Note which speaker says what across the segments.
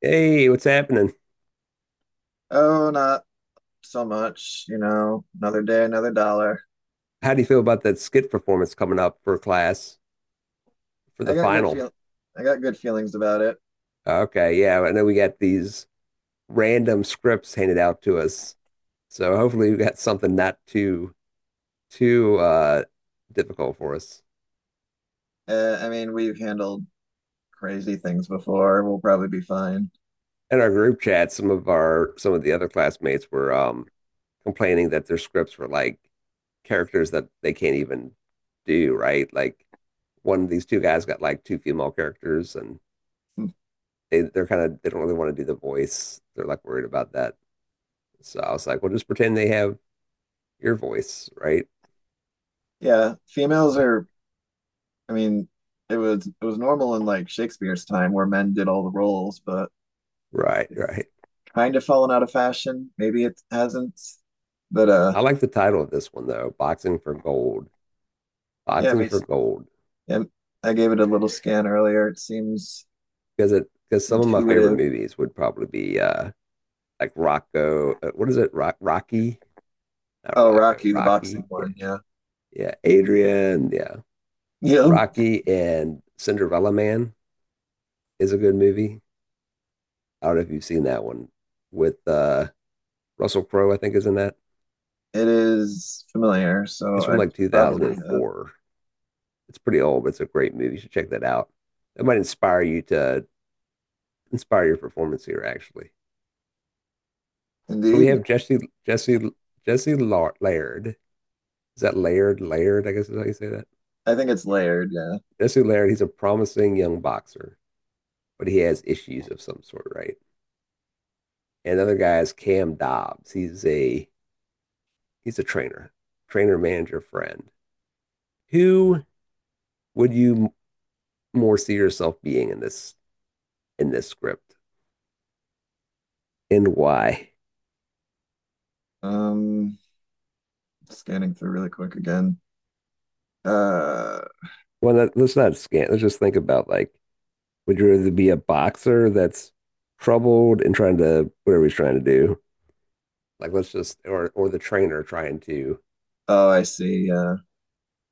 Speaker 1: Hey, what's happening?
Speaker 2: Oh, not so much, another day, another dollar.
Speaker 1: How do you feel about that skit performance coming up for class for
Speaker 2: I
Speaker 1: the
Speaker 2: got good
Speaker 1: final?
Speaker 2: feel I got good feelings about it.
Speaker 1: Okay, yeah, I know we got these random scripts handed out to us. So hopefully we got something not too difficult for us.
Speaker 2: I mean, we've handled crazy things before. We'll probably be fine.
Speaker 1: In our group chat, some of the other classmates were complaining that their scripts were like characters that they can't even do, right? Like one of these two guys got like two female characters and they they're kind of they don't really want to do the voice. They're like worried about that. So I was like, well, just pretend they have your voice, right?
Speaker 2: Yeah, females are. I mean, it was normal in like Shakespeare's time where men did all the roles, but
Speaker 1: Right,
Speaker 2: it's
Speaker 1: right.
Speaker 2: kind of fallen out of fashion. Maybe it hasn't, but
Speaker 1: I like the title of this one though, Boxing for Gold.
Speaker 2: yeah. I
Speaker 1: Boxing
Speaker 2: mean,
Speaker 1: for Gold
Speaker 2: yeah, I gave it a little scan earlier. It seems
Speaker 1: because it because some of my favorite
Speaker 2: intuitive.
Speaker 1: movies would probably be like Rocco. What is it? Rocky, not
Speaker 2: Oh,
Speaker 1: Rocco.
Speaker 2: Rocky, the
Speaker 1: Rocky.
Speaker 2: boxing
Speaker 1: Yeah,
Speaker 2: one. Yeah,
Speaker 1: yeah. Adrian. Yeah,
Speaker 2: yeah.
Speaker 1: Rocky. And Cinderella Man is a good movie. I don't know if you've seen that one with Russell Crowe. I think is in that.
Speaker 2: It is familiar, so
Speaker 1: It's from
Speaker 2: I
Speaker 1: like
Speaker 2: probably have.
Speaker 1: 2004. It's pretty old, but it's a great movie. You should check that out. That might inspire your performance here, actually. So we
Speaker 2: Indeed.
Speaker 1: have Jesse Jesse Laird. Is that Laird? Laird, I guess is how you say that.
Speaker 2: I think it's layered. Yeah.
Speaker 1: Jesse Laird. He's a promising young boxer, but he has issues of some sort, right? And the other guy is Cam Dobbs. He's a trainer, trainer, manager, friend. Who would you more see yourself being in this script, and why?
Speaker 2: Um, Scanning through really quick again. Uh,
Speaker 1: Well, that, let's not scan. Let's just think about like, would you rather be a boxer that's troubled and trying to whatever he's trying to do? Like, let's just or the trainer trying to
Speaker 2: oh, I see. Yeah.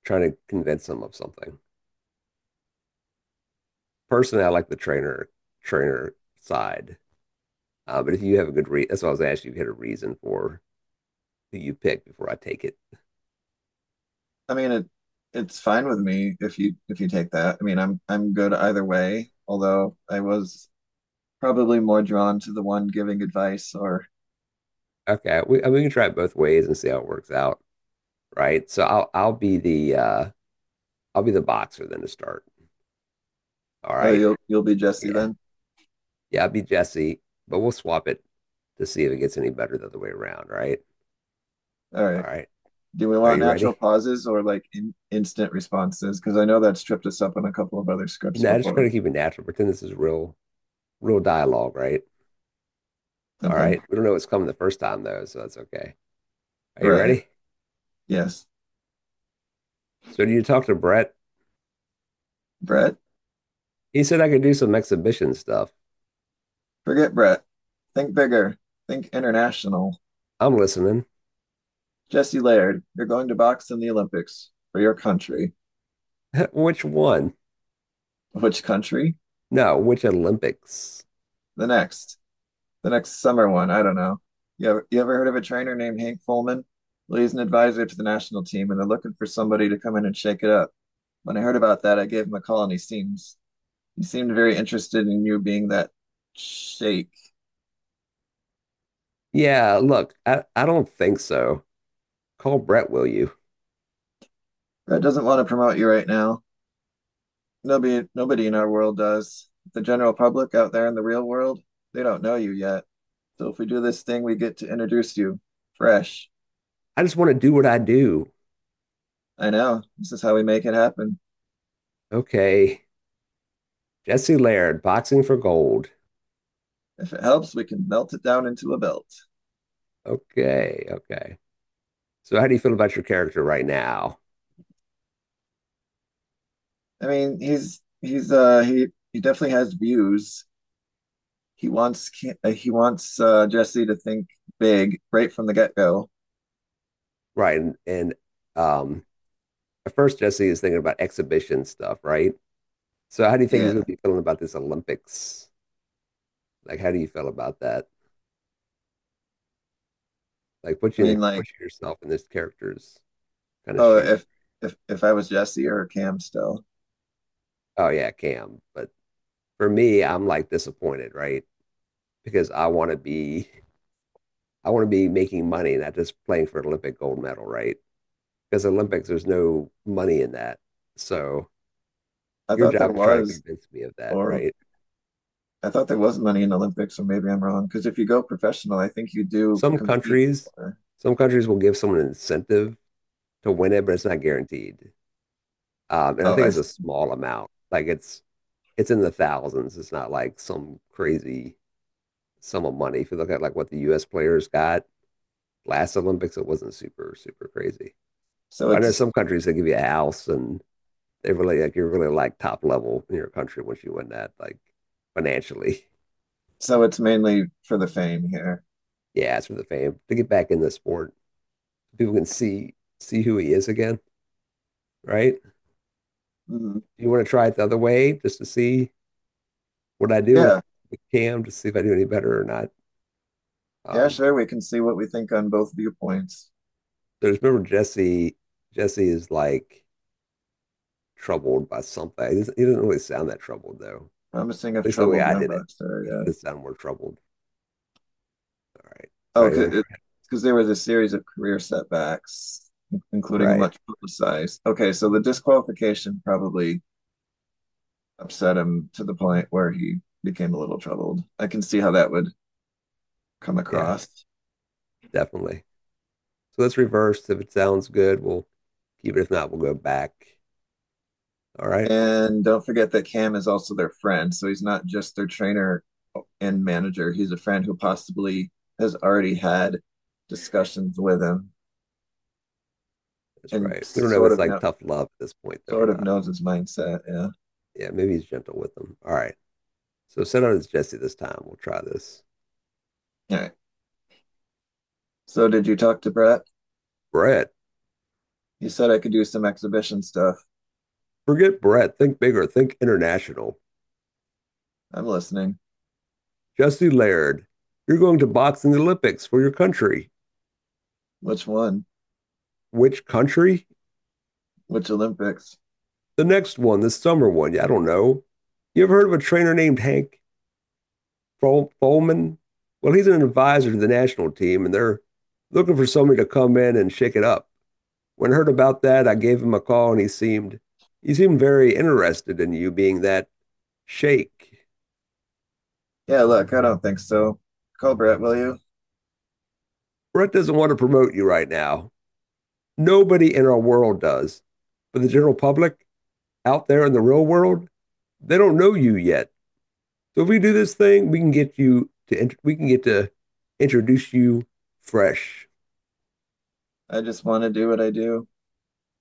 Speaker 1: trying to convince him of something. Personally, I like the trainer side. But if you have a good reason, that's what I was asking. You had a reason for who you pick before I take it.
Speaker 2: I mean it's fine with me if you take that. I mean I'm good either way, although I was probably more drawn to the one giving advice or.
Speaker 1: Okay, we I mean, we can try it both ways and see how it works out, right? So I'll be the I'll be the boxer then to start. All
Speaker 2: Oh,
Speaker 1: right,
Speaker 2: you'll be Jesse
Speaker 1: yeah.
Speaker 2: then.
Speaker 1: Yeah, it'd be Jesse, but we'll swap it to see if it gets any better the other way around, right?
Speaker 2: All right.
Speaker 1: All right.
Speaker 2: Do we
Speaker 1: Are
Speaker 2: want
Speaker 1: you
Speaker 2: natural
Speaker 1: ready?
Speaker 2: pauses or like instant responses? Because I know that's tripped us up in a couple of other scripts
Speaker 1: No, I just try
Speaker 2: before.
Speaker 1: to keep it natural. Pretend this is real, real dialogue, right? All
Speaker 2: Okay.
Speaker 1: right. We don't know what's coming the first time though, so that's okay. Are you
Speaker 2: Right.
Speaker 1: ready?
Speaker 2: Yes.
Speaker 1: So you talked to Brett.
Speaker 2: Brett.
Speaker 1: He said I could do some exhibition stuff.
Speaker 2: Forget Brett. Think bigger. Think international.
Speaker 1: I'm listening.
Speaker 2: Jesse Laird, you're going to box in the Olympics for your country.
Speaker 1: Which one?
Speaker 2: Which country?
Speaker 1: No, which Olympics?
Speaker 2: The next. The next summer one. I don't know. You ever heard of a trainer named Hank Fulman? Well, he's an advisor to the national team, and they're looking for somebody to come in and shake it up. When I heard about that, I gave him a call, and he seemed very interested in you being that shake.
Speaker 1: Yeah, look, I don't think so. Call Brett, will you?
Speaker 2: Brett doesn't want to promote you right now. Nobody in our world does. The general public out there in the real world, they don't know you yet. So if we do this thing, we get to introduce you fresh.
Speaker 1: I just want to do what I do.
Speaker 2: I know. This is how we make it happen.
Speaker 1: Okay. Jesse Laird, boxing for gold.
Speaker 2: If it helps, we can melt it down into a belt.
Speaker 1: Okay, okay. So how do you feel about your character right now?
Speaker 2: I mean, he definitely has views. He wants Jesse to think big right from the get-go.
Speaker 1: Right, and um, at first Jesse is thinking about exhibition stuff, right? So how do you think he's
Speaker 2: Yeah.
Speaker 1: going to be feeling about this Olympics? Like, how do you feel about that? Like, put
Speaker 2: I
Speaker 1: you in the,
Speaker 2: mean, like,
Speaker 1: put yourself in this character's kind of
Speaker 2: oh,
Speaker 1: shoe.
Speaker 2: if if I was Jesse or Cam still.
Speaker 1: Oh yeah, Cam. But for me, I'm like disappointed, right? Because I want to be making money, not just playing for an Olympic gold medal, right? Because Olympics, there's no money in that. So
Speaker 2: I
Speaker 1: your
Speaker 2: thought there
Speaker 1: job is try to
Speaker 2: was
Speaker 1: convince me of that,
Speaker 2: or
Speaker 1: right?
Speaker 2: I thought there was money in Olympics, or maybe I'm wrong. Because if you go professional, I think you do
Speaker 1: Some
Speaker 2: compete
Speaker 1: countries,
Speaker 2: for.
Speaker 1: some countries will give someone an incentive to win it, but it's not guaranteed. And I
Speaker 2: Oh,
Speaker 1: think
Speaker 2: I
Speaker 1: it's a
Speaker 2: see.
Speaker 1: small amount. It's in the thousands. It's not like some crazy sum of money. If you look at like what the U.S. players got last Olympics, it wasn't super super crazy.
Speaker 2: So
Speaker 1: But I know
Speaker 2: it's
Speaker 1: some countries they give you a house and they really like you're really like top level in your country once you win that, like financially.
Speaker 2: so it's mainly for the fame here.
Speaker 1: Yeah, it's for the fame to get back in the sport. People can see who he is again, right?
Speaker 2: Mhm.
Speaker 1: You want to try it the other way just to see what I do
Speaker 2: Yeah.
Speaker 1: with Cam to see if I do any better or not.
Speaker 2: Yeah,
Speaker 1: Um,
Speaker 2: sure. We can see what we think on both viewpoints.
Speaker 1: there's remember Jesse. Jesse is like troubled by something. He doesn't really sound that troubled though.
Speaker 2: Promising
Speaker 1: At
Speaker 2: of
Speaker 1: least the way
Speaker 2: troubled
Speaker 1: I
Speaker 2: young
Speaker 1: did it,
Speaker 2: bucks there.
Speaker 1: I
Speaker 2: Yeah.
Speaker 1: should have sounded more troubled. All right, all
Speaker 2: Oh,
Speaker 1: right. You want to
Speaker 2: because there was a series of career setbacks,
Speaker 1: try?
Speaker 2: including a
Speaker 1: Right?
Speaker 2: much publicized. Okay, so the disqualification probably upset him to the point where he became a little troubled. I can see how that would come
Speaker 1: Yeah,
Speaker 2: across.
Speaker 1: definitely. So let's reverse. If it sounds good, we'll keep it. If not, we'll go back. All right.
Speaker 2: And don't forget that Cam is also their friend, so he's not just their trainer and manager. He's a friend who possibly has already had discussions with him
Speaker 1: That's
Speaker 2: and
Speaker 1: right. We don't know if it's like tough love at this point though or
Speaker 2: sort of
Speaker 1: not.
Speaker 2: knows his mindset. Yeah.
Speaker 1: Yeah, maybe he's gentle with them. All right. So send out as Jesse this time. We'll try this.
Speaker 2: All right. So did you talk to Brett?
Speaker 1: Brett,
Speaker 2: You said I could do some exhibition stuff.
Speaker 1: forget Brett. Think bigger. Think international.
Speaker 2: I'm listening.
Speaker 1: Jesse Laird, you're going to boxing Olympics for your country.
Speaker 2: Which one?
Speaker 1: Which country?
Speaker 2: Which Olympics?
Speaker 1: The next one, the summer one. Yeah, I don't know. You ever heard of a trainer named Hank Folman? Well, he's an advisor to the national team, and they're looking for somebody to come in and shake it up. When I heard about that, I gave him a call, and he seemed very interested in you being that shake.
Speaker 2: Yeah, look, I don't think so. Call Brett, will you?
Speaker 1: Brett doesn't want to promote you right now. Nobody in our world does. But the general public out there in the real world, they don't know you yet. So if we do this thing, we can get to introduce you fresh.
Speaker 2: I just want to do what I do.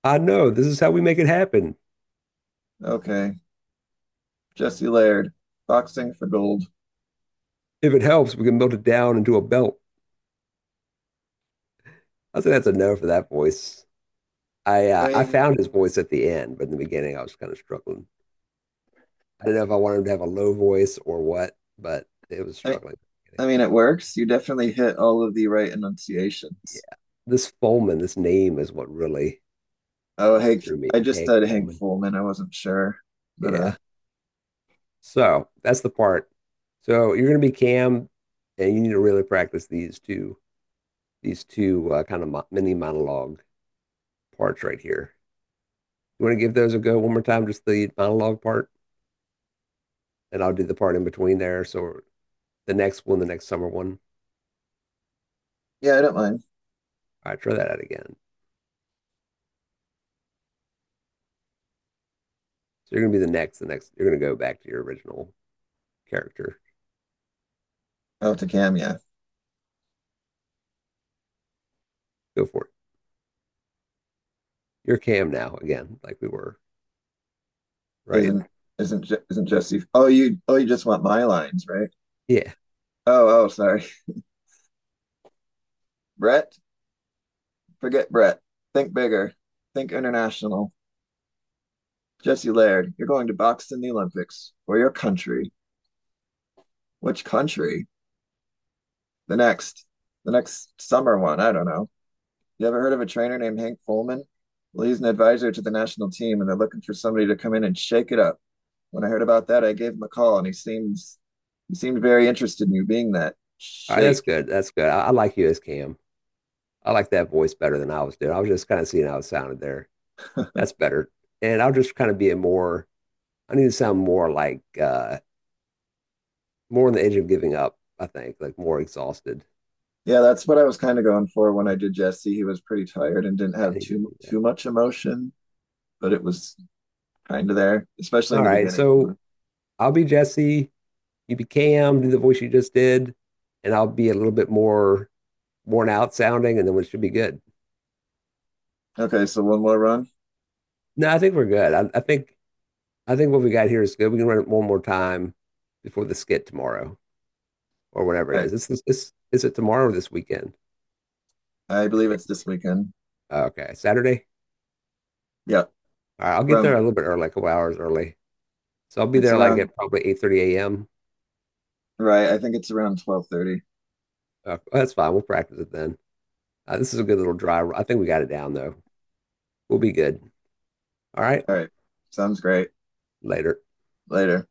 Speaker 1: I know this is how we make it happen.
Speaker 2: Okay. Jesse Laird, boxing for gold.
Speaker 1: If it helps, we can melt it down into a belt. I think that's a no for that voice.
Speaker 2: I
Speaker 1: I
Speaker 2: mean,
Speaker 1: found his voice at the end, but in the beginning, I was kind of struggling. I didn't know if I wanted him to have a low voice or what, but it was
Speaker 2: I,
Speaker 1: struggling.
Speaker 2: I mean, it works. You definitely hit all of the right
Speaker 1: Yeah,
Speaker 2: enunciations.
Speaker 1: this Foreman, this name is what really
Speaker 2: Oh, Hank.
Speaker 1: threw me.
Speaker 2: I just
Speaker 1: Hank
Speaker 2: said Hank
Speaker 1: Foreman.
Speaker 2: Fullman. I wasn't sure, but
Speaker 1: Yeah. So that's the part. So you're going to be Cam, and you need to really practice these two kind of mini monologue parts right here. You want to give those a go one more time, just the monologue part, and I'll do the part in between there. So the next summer one.
Speaker 2: yeah, I don't mind.
Speaker 1: All right, try that out again. So you're going to be the next. You're going to go back to your original character.
Speaker 2: Oh, to Cam, yeah.
Speaker 1: Go for it. You're Cam now again, like we were, right?
Speaker 2: Isn't isn't isn't Jesse? Oh, you just want my lines, right?
Speaker 1: Yeah.
Speaker 2: Oh, oh, sorry. Brett. Forget Brett. Think bigger. Think international. Jesse Laird, you're going to box in the Olympics for your country. Which country? The next, the next summer one. I don't know. You ever heard of a trainer named Hank Fullman? Well, he's an advisor to the national team, and they're looking for somebody to come in and shake it up. When I heard about that, I gave him a call, and he seemed very interested in you being that
Speaker 1: All right, that's
Speaker 2: shake.
Speaker 1: good. That's good. I like you as Cam. I like that voice better than I was doing. I was just kind of seeing how it sounded there. That's better. And I'll just kind of be a more, I need to sound more like, more on the edge of giving up, I think, like more exhausted.
Speaker 2: Yeah, that's what I was kind of going for when I
Speaker 1: Yeah,
Speaker 2: did Jesse. He was pretty tired and didn't
Speaker 1: yeah, I
Speaker 2: have
Speaker 1: need to
Speaker 2: too
Speaker 1: do that.
Speaker 2: too much emotion, but it was kind of there, especially in
Speaker 1: All
Speaker 2: the
Speaker 1: right.
Speaker 2: beginning.
Speaker 1: So I'll be Jesse. You be Cam, do the voice you just did, and I'll be a little bit more worn out sounding, and then it should be good.
Speaker 2: Okay, so one more run.
Speaker 1: No, I think we're good. I think what we got here is good. We can run it one more time before the skit tomorrow, or whatever
Speaker 2: All
Speaker 1: it
Speaker 2: right,
Speaker 1: is. This is it tomorrow or this weekend?
Speaker 2: I
Speaker 1: I
Speaker 2: believe
Speaker 1: can't
Speaker 2: it's this
Speaker 1: remember.
Speaker 2: weekend.
Speaker 1: Okay, Saturday.
Speaker 2: Yeah,
Speaker 1: All right, I'll get there
Speaker 2: around
Speaker 1: a little bit early, like a couple hours early. So I'll be
Speaker 2: it's
Speaker 1: there like
Speaker 2: around,
Speaker 1: at probably 8:30 a.m.
Speaker 2: right? I think it's around 12:30.
Speaker 1: That's fine. We'll practice it then. This is a good little dry. I think we got it down though. We'll be good. All right.
Speaker 2: All right, sounds great.
Speaker 1: Later.
Speaker 2: Later.